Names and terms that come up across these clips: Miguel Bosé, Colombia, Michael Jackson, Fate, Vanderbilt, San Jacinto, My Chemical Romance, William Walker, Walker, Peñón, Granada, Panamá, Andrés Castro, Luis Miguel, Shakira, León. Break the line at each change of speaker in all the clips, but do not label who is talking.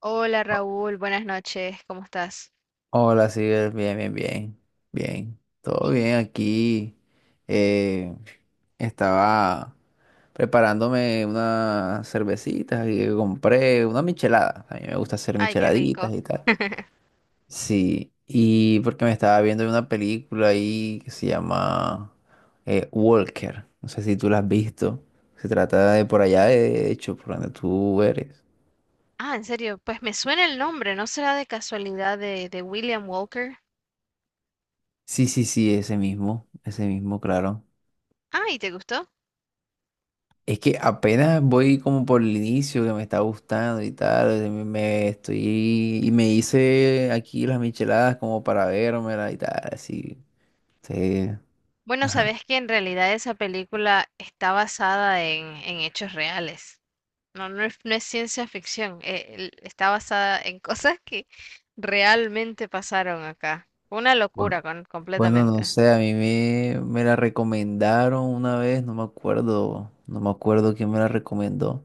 Hola Raúl, buenas noches, ¿cómo estás?
Hola, sí, bien, bien, todo
Y,
bien aquí. eh, Estaba preparándome unas cervecitas y compré una michelada. A mí me gusta hacer
Ay, qué
micheladitas
rico.
y tal. Sí, y porque me estaba viendo una película ahí que se llama Walker. No sé si tú la has visto. Se trata de por allá, de hecho, por donde tú eres.
Ah, en serio, pues me suena el nombre, ¿no será de casualidad de William Walker?
Sí, sí, sí, ese mismo, claro.
Ay, ¿te gustó?
Es que apenas voy como por el inicio que me está gustando y tal, me estoy y me hice aquí las micheladas como para vérmela y tal, así. Sí,
Bueno,
ajá.
sabes que en realidad esa película está basada en hechos reales. No es ciencia ficción, el- está basada en cosas que realmente pasaron acá. Una
Bueno,
locura con-
bueno, no
completamente.
sé, a mí me la recomendaron una vez, no me acuerdo quién me la recomendó.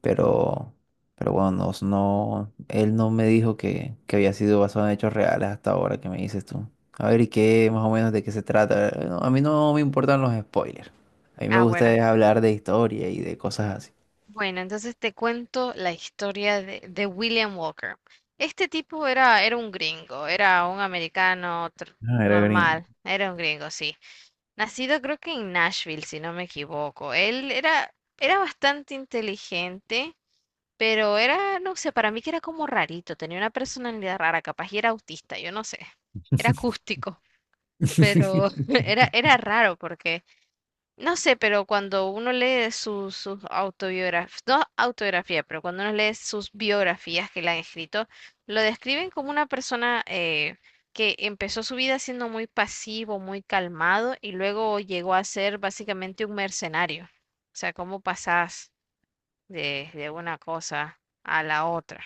pero, pero bueno, él no me dijo que había sido basado en hechos reales hasta ahora, que me dices tú. A ver, ¿y qué más o menos de qué se trata? No, a mí no me importan los spoilers. A mí me
Ah,
gusta
bueno.
es hablar de historia y de cosas así.
Bueno, entonces te cuento la historia de William Walker. Este tipo era un gringo, era un americano tr-
Ah, era gringo.
normal, era un gringo, sí. Nacido creo que en Nashville, si no me equivoco. Él era, era bastante inteligente, pero era, no sé, para mí que era como rarito, tenía una personalidad rara, capaz y era autista, yo no sé. Era acústico, pero era raro porque... No sé, pero cuando uno lee sus autobiografías, no autobiografía, pero cuando uno lee sus biografías que le han escrito, lo describen como una persona que empezó su vida siendo muy pasivo, muy calmado y luego llegó a ser básicamente un mercenario. O sea, cómo pasás de una cosa a la otra.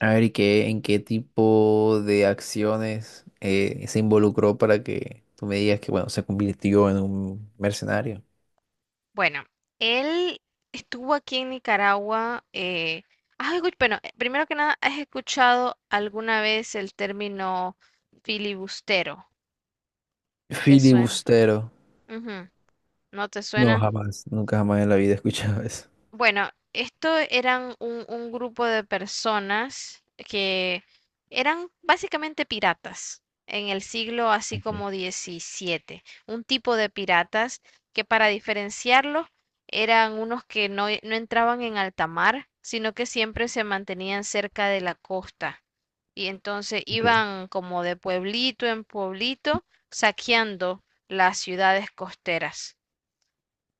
A ver, ¿y qué, en qué tipo de acciones se involucró para que tú me digas que, bueno, se convirtió en un mercenario?
Bueno, él estuvo aquí en Nicaragua. Has escu- bueno, primero que nada, ¿has escuchado alguna vez el término filibustero? ¿Te suena?
Filibustero.
Ujú. ¿No te
No,
suena?
jamás. Nunca jamás en la vida he escuchado eso.
Bueno, esto eran un grupo de personas que eran básicamente piratas en el siglo así como XVII. Un tipo de piratas que para diferenciarlos eran unos que no entraban en alta mar, sino que siempre se mantenían cerca de la costa. Y entonces iban como de pueblito en pueblito saqueando las ciudades costeras.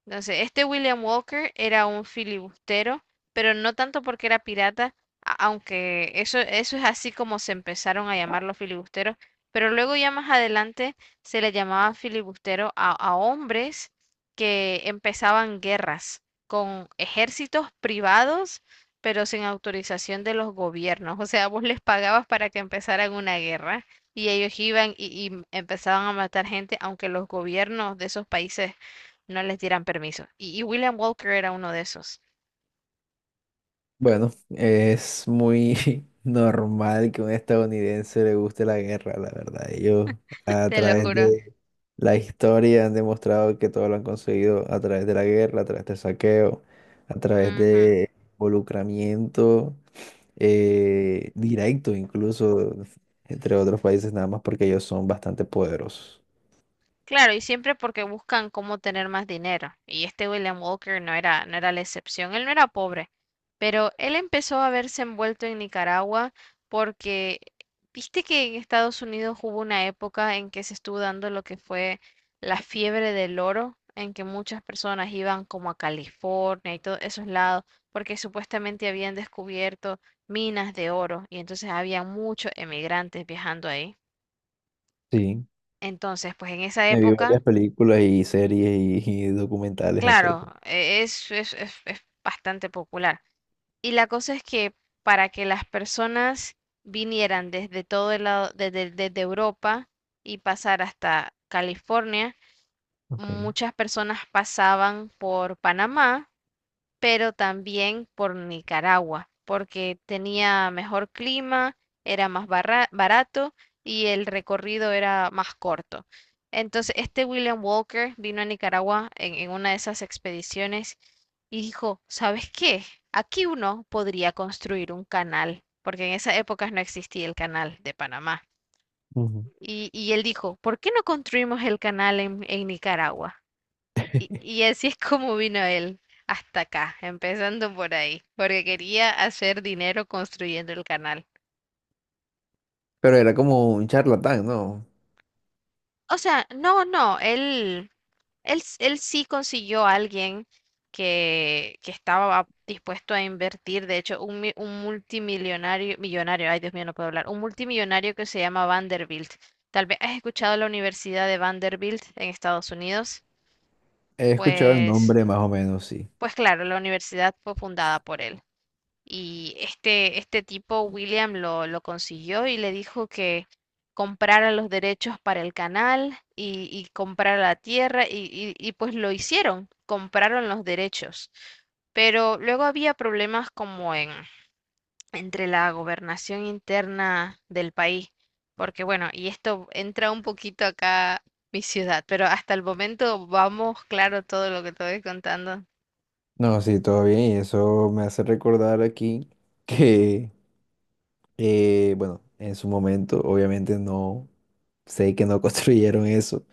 Entonces, este William Walker era un filibustero, pero no tanto porque era pirata, a- aunque eso es así como se empezaron a llamar los filibusteros, pero luego ya más adelante se le llamaba filibustero a hombres que empezaban guerras con ejércitos privados, pero sin autorización de los gobiernos. O sea, vos les pagabas para que empezaran una guerra y ellos iban y empezaban a matar gente, aunque los gobiernos de esos países no les dieran permiso. Y William Walker era uno de esos.
Bueno, es muy normal que a un estadounidense le guste la guerra, la verdad. Ellos a
Te lo
través
juro.
de la historia han demostrado que todo lo han conseguido a través de la guerra, a través del saqueo, a través
Ujú.
de involucramiento directo incluso entre otros países, nada más porque ellos son bastante poderosos.
Claro, y siempre porque buscan cómo tener más dinero. Y este William Walker no era la excepción, él no era pobre, pero él empezó a verse envuelto en Nicaragua porque, viste que en Estados Unidos hubo una época en que se estuvo dando lo que fue la fiebre del oro, en que muchas personas iban como a California y todos esos lados, porque supuestamente habían descubierto minas de oro y entonces había muchos emigrantes viajando ahí.
Sí,
Entonces, pues en esa
me vi varias
época
películas y series y documentales
claro,
acerca.
e- es bastante popular. Y la cosa es que para que las personas vinieran desde todo el lado, desde Europa y pasar hasta California,
Okay.
muchas personas pasaban por Panamá pero también por Nicaragua, porque tenía mejor clima, era más barra- barato y el recorrido era más corto. Entonces, este William Walker vino a Nicaragua en una de esas expediciones y dijo, ¿sabes qué? Aquí uno podría construir un canal, porque en esas épocas no existía el canal de Panamá.
Ujú.
Y él dijo, ¿por qué no construimos el canal en Nicaragua? Y así es como vino él hasta acá, empezando por ahí, porque quería hacer dinero construyendo el canal.
Pero era como un charlatán, ¿no?
O sea, no, no, él, s- él sí consiguió a alguien que estaba dispuesto a invertir, de hecho, un, mi- un multimillonario, millonario, ay Dios mío, no puedo hablar, un multimillonario que se llama Vanderbilt. Tal vez has escuchado la Universidad de Vanderbilt en Estados Unidos,
He escuchado el
pues,
nombre más o menos, sí.
pues claro, la universidad fue fundada por él. Y este tipo, William, lo consiguió y le dijo que comprara los derechos para el canal y comprara la tierra y pues lo hicieron, compraron los derechos. Pero luego había problemas como entre la gobernación interna del país, porque bueno, y esto entra un poquito acá mi ciudad, pero hasta el momento vamos claro todo lo que te voy contando.
No, sí, todo bien. Y eso me hace recordar aquí que, bueno, en su momento obviamente no sé que no construyeron eso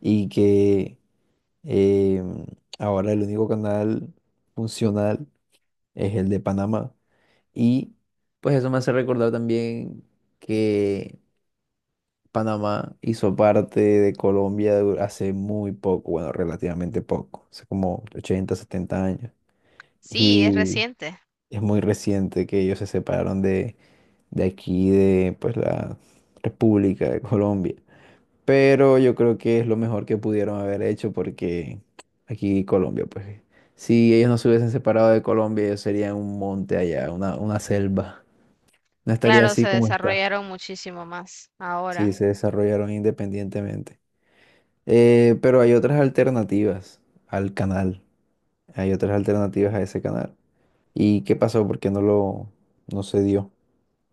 y que eh, ahora el único canal funcional es el de Panamá. Y pues eso me hace recordar también que Panamá hizo parte de Colombia du- hace muy poco, bueno, relativamente poco, hace como 80 70 años.
Sí, es
Y
reciente.
es muy reciente que ellos se separaron de aquí, de pues la República de Colombia. Pero yo creo que es lo mejor que pudieron haber hecho porque aquí Colombia, pues si ellos no se hubiesen separado de Colombia, ellos serían un monte allá, una selva. No estaría
Claro, se
así como está.
desarrollaron muchísimo más
Sí,
ahora.
se desarrollaron independientemente. Pero hay otras alternativas al canal. Hay otras alternativas a ese canal. ¿Y qué pasó? ¿Por qué no se dio?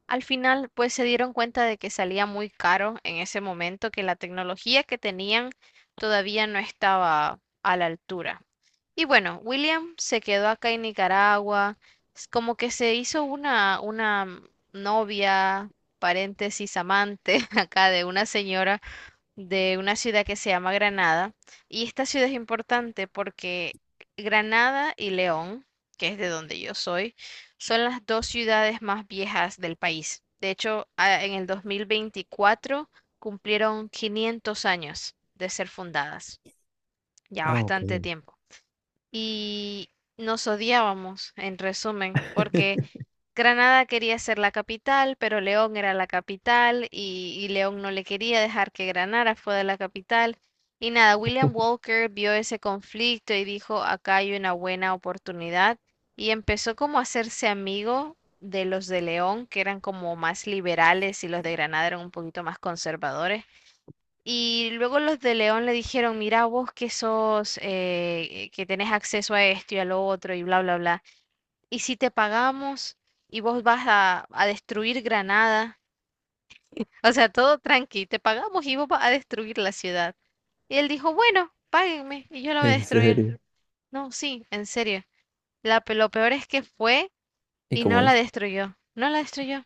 Al final, pues se dieron cuenta de que salía muy caro en ese momento, que la tecnología que tenían todavía no estaba a la altura. Y bueno, William se quedó acá en Nicaragua, s- como que se hizo una, una novia, paréntesis, amante acá de una señora de una ciudad que se llama Granada. Y esta ciudad es importante porque Granada y León, que es de donde yo soy, son las dos ciudades más viejas del país. De hecho, a- en el 2024 cumplieron 500 años de ser fundadas, ya
Ah, ok.
bastante tiempo. Y nos odiábamos, en resumen, porque Granada quería ser la capital, pero León era la capital y León no le quería dejar que Granada fuera la capital. Y nada, William Walker vio ese conflicto y dijo, acá hay una buena oportunidad. Y empezó como a hacerse amigo de los de León, que eran como más liberales y los de Granada eran un poquito más conservadores. Y luego los de León le dijeron, mira vos que sos, que tenés acceso a esto y a lo otro y bla, bla, bla. ¿Y si te pagamos y vos vas a destruir Granada? O sea, todo tranqui, te pagamos y vos vas a destruir la ciudad. Y él dijo, bueno, páguenme y yo la voy a
En
destruir.
serio.
No, sí, en serio. Lo peor es que fue
¿Y
y no
cómo
la
hizo?
destruyó. No la destruyó.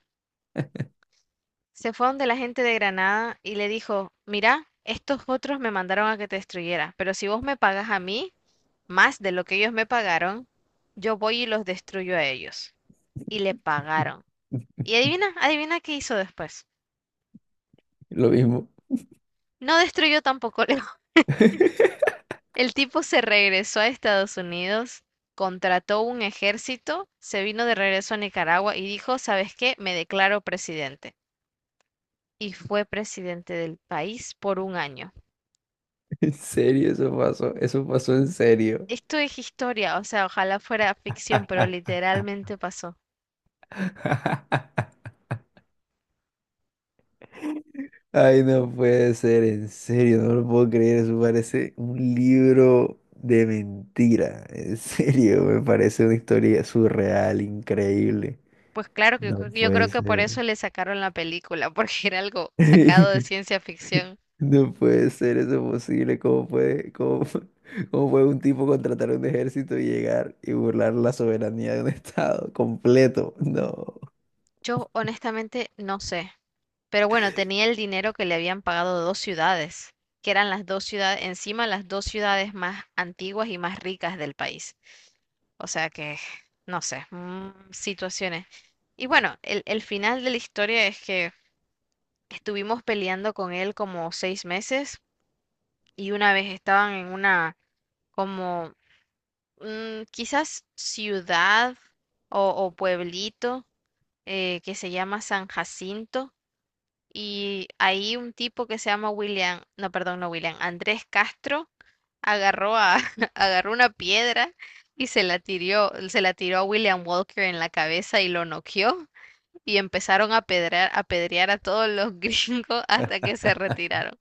Se fue donde la gente de Granada y le dijo, mira, estos otros me mandaron a que te destruyera, pero si vos me pagas a mí más de lo que ellos me pagaron, yo voy y los destruyo a ellos. Y le pagaron. Y adivina, adivina qué hizo después.
Lo mismo.
No destruyó tampoco León. El tipo se regresó a Estados Unidos, contrató un ejército, se vino de regreso a Nicaragua y dijo, ¿sabes qué? Me declaro presidente. Y fue presidente del país por un año.
En serio, eso pasó. Eso pasó en serio.
Esto es historia, o sea, ojalá fuera ficción, pero literalmente pasó.
Ay, no puede ser, en serio, no lo puedo creer. Eso parece un libro de mentira. En serio, me parece una historia surreal, increíble.
Pues claro, que
No
yo
puede
creo que por
ser.
eso le sacaron la película, porque era algo sacado de ciencia ficción.
No puede ser eso posible. ¿Cómo puede, cómo, pu- cómo puede un tipo contratar un ejército y llegar y burlar la soberanía de un estado completo? No.
Yo honestamente no sé. Pero bueno, tenía el dinero que le habían pagado dos ciudades, que eran las dos ciudades, encima las dos ciudades más antiguas y más ricas del país. O sea que, no sé, situaciones. Y bueno, el final de la historia es que estuvimos peleando con él como 6 meses y una vez estaban en una como quizás ciudad o pueblito que se llama San Jacinto. Y ahí un tipo que se llama William, no, perdón, no William, Andrés Castro agarró a, agarró una piedra y se la tiró a William Walker en la cabeza y lo noqueó y empezaron a pedrear, a pedrear a todos los gringos hasta que se retiraron.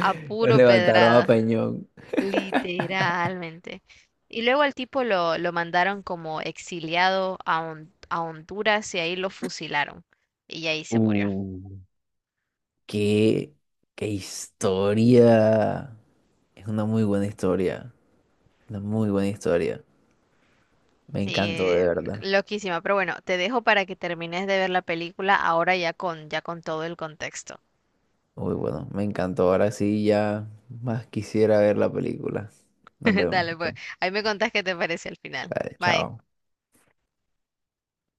A
Los
puro
levantaron a
pedrada,
Peñón.
literalmente. Y luego al tipo lo mandaron como exiliado a, Hon- a Honduras y ahí lo fusilaron. Y ahí se murió.
Uh, qué, qué historia. Es una muy buena historia. Una muy buena historia. Me encantó
Sí,
de verdad.
loquísima, pero bueno, te dejo para que termines de ver la película ahora ya con todo el contexto.
Muy bueno, me encantó. Ahora sí ya más quisiera ver la película. Nos vemos
Dale, pues,
entonces.
ahí me contás qué te parece al final.
Dale,
Bye.
chao.